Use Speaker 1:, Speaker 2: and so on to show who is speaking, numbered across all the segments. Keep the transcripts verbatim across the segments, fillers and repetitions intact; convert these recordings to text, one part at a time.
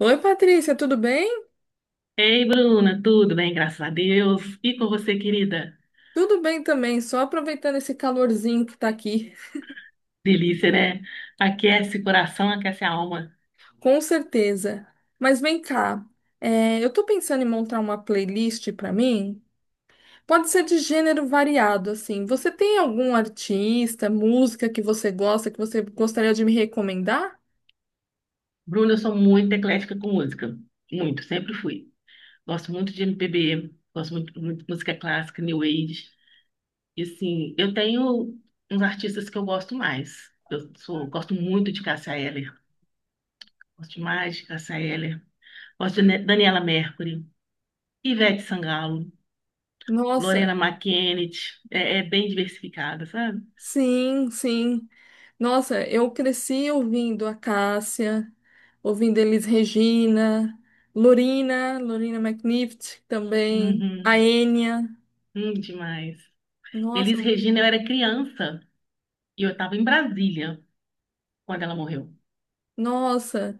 Speaker 1: Oi, Patrícia, tudo bem?
Speaker 2: Ei, Bruna, tudo bem? Graças a Deus. E com você, querida?
Speaker 1: Tudo bem também, só aproveitando esse calorzinho que tá aqui,
Speaker 2: Delícia, né? Aquece o coração, aquece a alma.
Speaker 1: com certeza. Mas vem cá, é, eu tô pensando em montar uma playlist pra mim. Pode ser de gênero variado, assim. Você tem algum artista, música que você gosta, que você gostaria de me recomendar?
Speaker 2: Bruna, eu sou muito eclética com música. Muito, sempre fui. Gosto muito de M P B, gosto muito, muito de música clássica, New Age. E assim, eu tenho uns artistas que eu gosto mais. Eu sou, gosto muito de Cássia Eller. Gosto demais de Cássia Eller. Gosto de Ne- Daniela Mercury, Ivete Sangalo.
Speaker 1: Nossa.
Speaker 2: Lorena McKennitt, é, é bem diversificada, sabe?
Speaker 1: Sim, sim. Nossa, eu cresci ouvindo a Cássia, ouvindo Elis Regina, Lorina, Lorina McNift também, a
Speaker 2: Uhum,
Speaker 1: Enya.
Speaker 2: hum, demais. Elis
Speaker 1: Nossa,
Speaker 2: Regina, eu era criança e eu estava em Brasília quando ela morreu.
Speaker 1: nossa.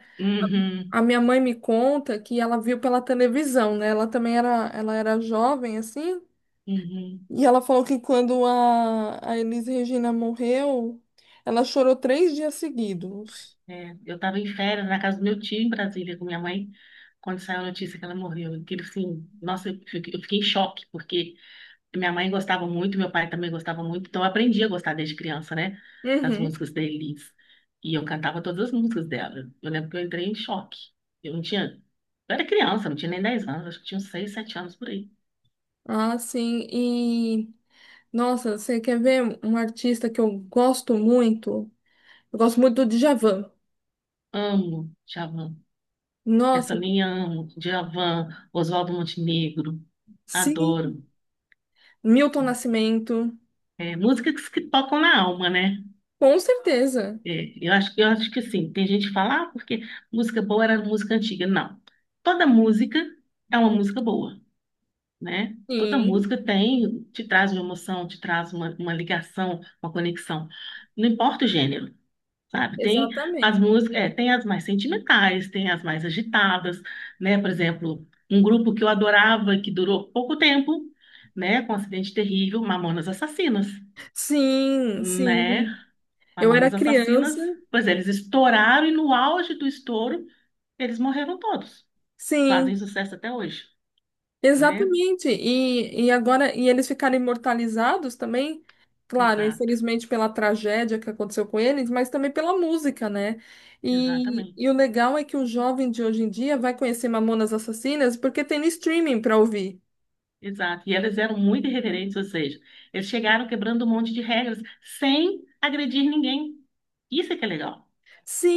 Speaker 1: A
Speaker 2: Uhum,
Speaker 1: minha mãe me conta que ela viu pela televisão, né? Ela também era, ela era jovem, assim,
Speaker 2: uhum,
Speaker 1: e ela falou que quando a, a Elis Regina morreu, ela chorou três dias seguidos.
Speaker 2: é. Eu estava em férias na casa do meu tio em Brasília com minha mãe quando saiu a notícia que ela morreu. Aquilo assim, nossa, eu fiquei eu fiquei em choque, porque minha mãe gostava muito, meu pai também gostava muito, então eu aprendi a gostar desde criança, né? Das
Speaker 1: Uhum.
Speaker 2: músicas da Elis. E eu cantava todas as músicas dela. Eu lembro que eu entrei em choque. Eu não tinha. Eu era criança, não tinha nem dez anos, acho que tinha uns seis, sete anos por aí.
Speaker 1: Ah, sim. Nossa, você quer ver um artista que eu gosto muito? Eu gosto muito do Djavan.
Speaker 2: Amo Djavan. Essa
Speaker 1: Nossa.
Speaker 2: linha amo. Djavan, Oswaldo Montenegro, adoro.
Speaker 1: Sim, Milton Nascimento,
Speaker 2: É, músicas que tocam na alma, né?
Speaker 1: com certeza.
Speaker 2: É, eu acho, eu acho que assim, tem gente que fala, ah, porque música boa era música antiga. Não. Toda música é uma música boa, né? Toda
Speaker 1: Sim,
Speaker 2: música tem, te traz uma emoção, te traz uma, uma ligação, uma conexão. Não importa o gênero, sabe? Tem as
Speaker 1: exatamente.
Speaker 2: músicas, é, tem as mais sentimentais, tem as mais agitadas, né? Por exemplo, um grupo que eu adorava, que durou pouco tempo, né? Com um acidente terrível, Mamonas Assassinas,
Speaker 1: Sim,
Speaker 2: né?
Speaker 1: sim. Eu era
Speaker 2: Mamonas Assassinas,
Speaker 1: criança,
Speaker 2: pois é, eles estouraram e no auge do estouro, eles morreram todos. Fazem
Speaker 1: sim.
Speaker 2: sucesso até hoje, né?
Speaker 1: Exatamente. E, e agora, e eles ficaram imortalizados também, claro,
Speaker 2: Exato,
Speaker 1: infelizmente pela tragédia que aconteceu com eles, mas também pela música, né? E, e o
Speaker 2: exatamente.
Speaker 1: legal é que o jovem de hoje em dia vai conhecer Mamonas Assassinas porque tem no streaming para ouvir.
Speaker 2: Exato. E elas eram muito irreverentes, ou seja, eles chegaram quebrando um monte de regras sem agredir ninguém. Isso é que é legal,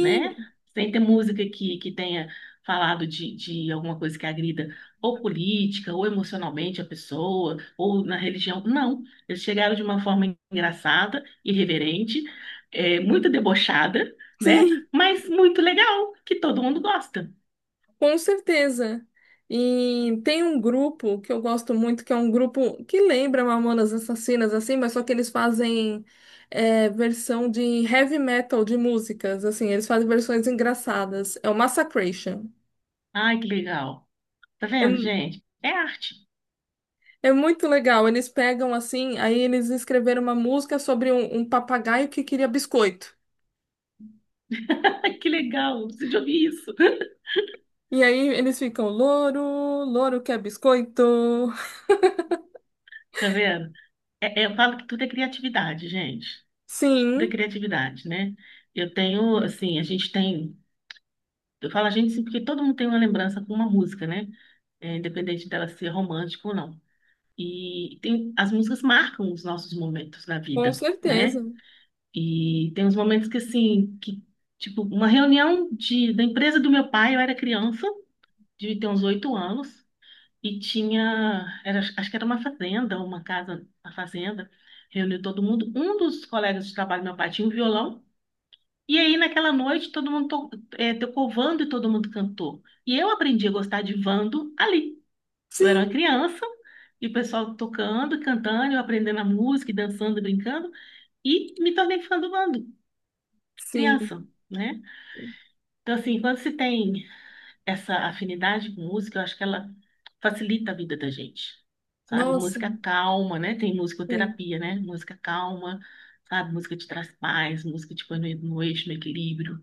Speaker 2: né? Sem ter música que, que tenha falado de, de alguma coisa que agrida ou política, ou emocionalmente a pessoa, ou na religião. Não. Eles chegaram de uma forma engraçada, irreverente, é, muito debochada, né?
Speaker 1: sim.
Speaker 2: Mas muito legal, que todo mundo gosta.
Speaker 1: Com certeza. E tem um grupo que eu gosto muito, que é um grupo que lembra Mamonas Assassinas, assim, mas só que eles fazem é, versão de heavy metal de músicas, assim, eles fazem versões engraçadas. É o Massacration.
Speaker 2: Ai, que legal. Tá
Speaker 1: É,
Speaker 2: vendo,
Speaker 1: mu-
Speaker 2: gente? É arte.
Speaker 1: é muito legal. Eles pegam assim, aí eles escreveram uma música sobre um, um papagaio que queria biscoito.
Speaker 2: Ai, que legal, eu preciso de ouvir isso.
Speaker 1: E aí eles ficam, louro, louro quer biscoito.
Speaker 2: Tá vendo? É- é, eu falo que tudo é criatividade, gente. Tudo é
Speaker 1: Sim,
Speaker 2: criatividade, né? Eu tenho, assim, a gente tem. Eu falo a gente assim, porque todo mundo tem uma lembrança com uma música, né? É, independente dela ser romântica ou não. E tem, as músicas marcam os nossos momentos na
Speaker 1: com
Speaker 2: vida,
Speaker 1: certeza.
Speaker 2: né? E tem uns momentos que, assim, que, tipo, uma reunião de, da empresa do meu pai, eu era criança, devia ter uns oito anos. E tinha, era, acho que era uma fazenda, uma casa, uma fazenda, reuniu todo mundo. Um dos colegas de trabalho, do meu pai, tinha um violão. E aí, naquela noite, todo mundo to, eh, tocou vando e todo mundo cantou. E eu aprendi a gostar de vando ali. Eu era uma
Speaker 1: Sim,
Speaker 2: criança, e o pessoal tocando, cantando, eu aprendendo a música, e dançando, e brincando, e me tornei fã do vando,
Speaker 1: sim.
Speaker 2: criança, né? Então, assim, quando se tem essa afinidade com música, eu acho que ela facilita a vida da gente, sabe?
Speaker 1: Nossa.
Speaker 2: Música calma, né? Tem
Speaker 1: Sim.
Speaker 2: musicoterapia, né? Música calma, sabe? Música te traz paz, música te põe no, no eixo, no equilíbrio.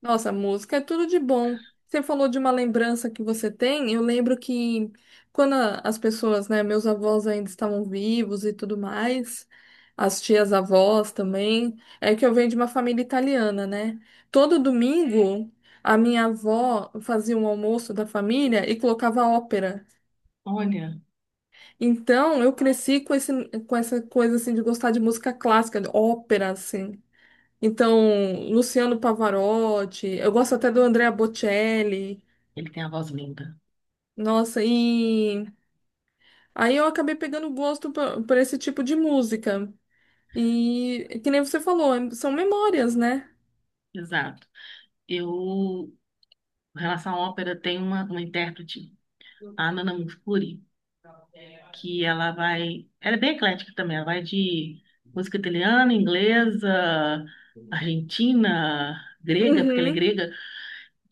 Speaker 1: Nossa, música é tudo de bom. Você falou de uma lembrança que você tem. Eu lembro que quando a- as pessoas, né, meus avós ainda estavam vivos e tudo mais, as tias avós também, é que eu venho de uma família italiana, né? Todo domingo a minha avó fazia um almoço da família e colocava ópera.
Speaker 2: Olha,
Speaker 1: Então eu cresci com esse, com essa coisa assim de gostar de música clássica, de ópera assim. Então, Luciano Pavarotti, eu gosto até do Andrea Bocelli.
Speaker 2: ele tem a voz linda.
Speaker 1: Nossa, e aí eu acabei pegando gosto por, por esse tipo de música. E que nem você falou, é- são memórias, né?
Speaker 2: Exato. Eu, em relação à ópera, tem uma, uma intérprete, a Nana Mouskouri, que ela vai... Ela é bem eclética também, ela vai de música italiana, inglesa, argentina, grega, porque ela é
Speaker 1: Uhum,
Speaker 2: grega,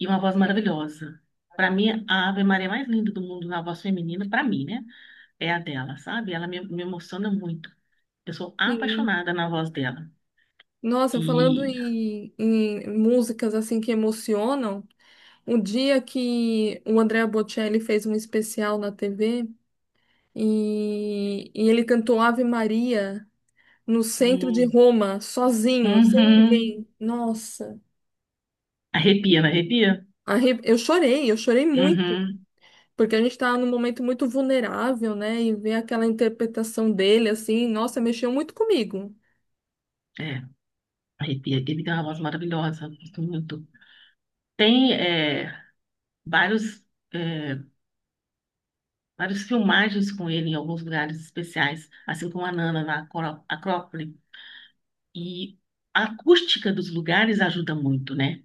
Speaker 2: e uma voz maravilhosa. Pra mim, a Ave Maria mais linda do mundo na voz feminina, pra mim, né? É a dela, sabe? Ela me, me emociona muito. Eu sou
Speaker 1: sim.
Speaker 2: apaixonada na voz dela.
Speaker 1: Nossa, falando
Speaker 2: E.
Speaker 1: em, em músicas assim que emocionam, um dia que o Andrea Bocelli fez um especial na T V e, e ele cantou Ave Maria no centro de
Speaker 2: Hum,
Speaker 1: Roma, sozinho, sem
Speaker 2: uhum.
Speaker 1: ninguém. Nossa,
Speaker 2: Arrepia, não arrepia?
Speaker 1: arre- eu chorei, eu chorei muito,
Speaker 2: Uhum.
Speaker 1: porque a gente estava num momento muito vulnerável, né? E ver aquela interpretação dele, assim, nossa, mexeu muito comigo.
Speaker 2: É, arrepia. Ele tem uma voz maravilhosa, gosto muito. Tem é, vários. É, várias filmagens com ele em alguns lugares especiais, assim como a Nana na Acró- Acrópole. E a acústica dos lugares ajuda muito, né?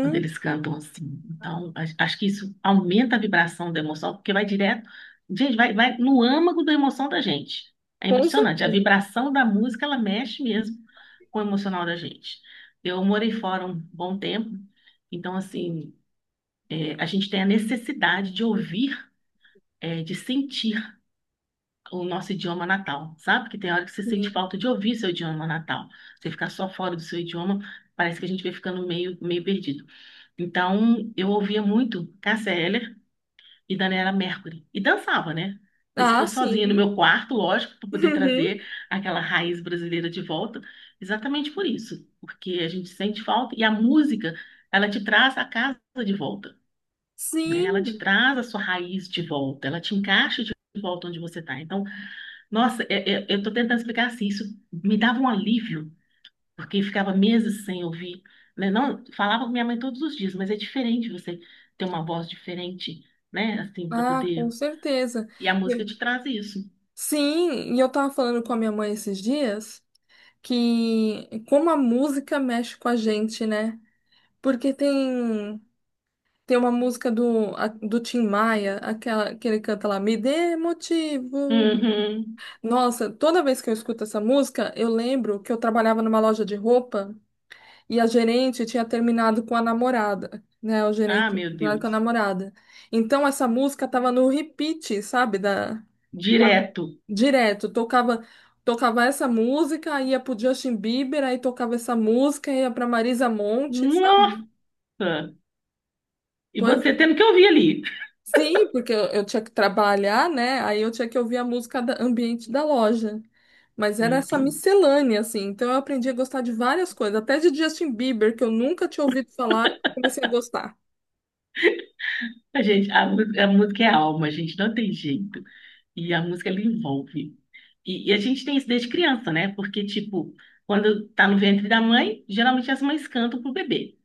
Speaker 2: Quando eles cantam assim. Então, a- acho que isso aumenta a vibração da emoção, porque vai direto, gente, vai, vai no âmago da emoção da gente. É
Speaker 1: com
Speaker 2: impressionante. A
Speaker 1: certeza.
Speaker 2: vibração da música, ela mexe mesmo com o emocional da gente. Eu morei fora um bom tempo, então, assim, é, a gente tem a necessidade de ouvir, é, de sentir o nosso idioma natal, sabe? Que tem hora que você sente
Speaker 1: Sim.
Speaker 2: falta de ouvir seu idioma natal. Você ficar só fora do seu idioma, parece que a gente vai ficando meio, meio perdido. Então, eu ouvia muito Cássia Eller e Daniela Mercury. E dançava, né? Mesmo que
Speaker 1: Ah,
Speaker 2: fosse sozinha no
Speaker 1: sim.
Speaker 2: meu quarto, lógico, para poder
Speaker 1: Uhum.
Speaker 2: trazer aquela raiz brasileira de volta. Exatamente por isso. Porque a gente sente falta e a música, ela te traz a casa de volta, né? Ela
Speaker 1: Sim.
Speaker 2: te traz a sua raiz de volta, ela te encaixa de volta onde você está. Então, nossa, é- é- eu estou tentando explicar assim, isso me dava um alívio porque ficava meses sem ouvir, né? Não, falava com minha mãe todos os dias, mas é diferente você ter uma voz diferente, né? Assim, para
Speaker 1: Ah, com
Speaker 2: poder.
Speaker 1: certeza.
Speaker 2: E a música
Speaker 1: E-
Speaker 2: te traz isso.
Speaker 1: Sim, e eu tava falando com a minha mãe esses dias que como a música mexe com a gente, né? Porque tem Tem uma música do, a- do Tim Maia, aquela que ele canta lá, Me Dê Motivo.
Speaker 2: Uhum.
Speaker 1: Nossa, toda vez que eu escuto essa música, eu lembro que eu trabalhava numa loja de roupa e a gerente tinha terminado com a namorada, né? O
Speaker 2: Ah,
Speaker 1: gerente tinha
Speaker 2: meu
Speaker 1: terminado com a
Speaker 2: Deus.
Speaker 1: namorada. Então essa música tava no repeat, sabe? Da,
Speaker 2: Direto.
Speaker 1: direto, tocava tocava essa música, ia pro Justin Bieber, aí tocava essa música, ia pra Marisa Monte,
Speaker 2: Nossa!
Speaker 1: sabe?
Speaker 2: E você tendo que ouvir ali.
Speaker 1: Sim, porque eu, eu tinha que trabalhar, né? Aí eu tinha que ouvir a música da- ambiente da loja. Mas era
Speaker 2: Meu
Speaker 1: essa
Speaker 2: Deus.
Speaker 1: miscelânea, assim. Então eu aprendi a gostar de várias coisas, até de Justin Bieber, que eu nunca tinha ouvido falar, eu comecei a gostar.
Speaker 2: A gente, a, música- a música é alma, a gente não tem jeito. E a música, ela envolve. E, e a gente tem isso desde criança, né? Porque, tipo, quando tá no ventre da mãe, geralmente as mães cantam pro bebê.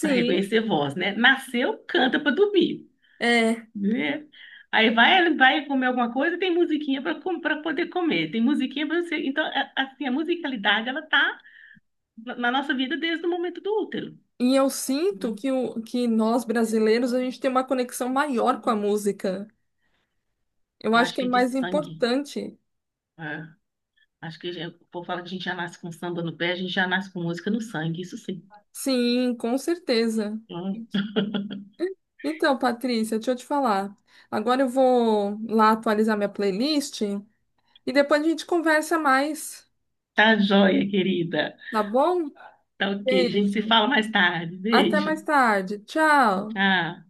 Speaker 2: Para reconhecer voz, né? Nasceu, canta para dormir,
Speaker 1: é.
Speaker 2: né? Aí vai, vai comer alguma coisa, tem musiquinha para para poder comer, tem musiquinha para você. Então, é- assim, a musicalidade ela tá na na nossa vida desde o momento do útero,
Speaker 1: E eu sinto
Speaker 2: né?
Speaker 1: que, o, que nós brasileiros, a gente tem uma conexão maior com a música. Eu
Speaker 2: Eu
Speaker 1: acho
Speaker 2: acho
Speaker 1: que é
Speaker 2: que é de
Speaker 1: mais
Speaker 2: sangue.
Speaker 1: importante.
Speaker 2: É. Acho que já- o povo fala que a gente já nasce com samba no pé, a gente já nasce com música no sangue, isso sim.
Speaker 1: Sim, com certeza.
Speaker 2: Hum.
Speaker 1: Então, Patrícia, deixa eu te falar. Agora eu vou lá atualizar minha playlist. E depois a gente conversa mais,
Speaker 2: Tá joia, querida.
Speaker 1: tá bom?
Speaker 2: Tá ok, a gente se
Speaker 1: Beijo.
Speaker 2: fala mais tarde.
Speaker 1: Até
Speaker 2: Beijo.
Speaker 1: mais tarde. Tchau.
Speaker 2: Tchau.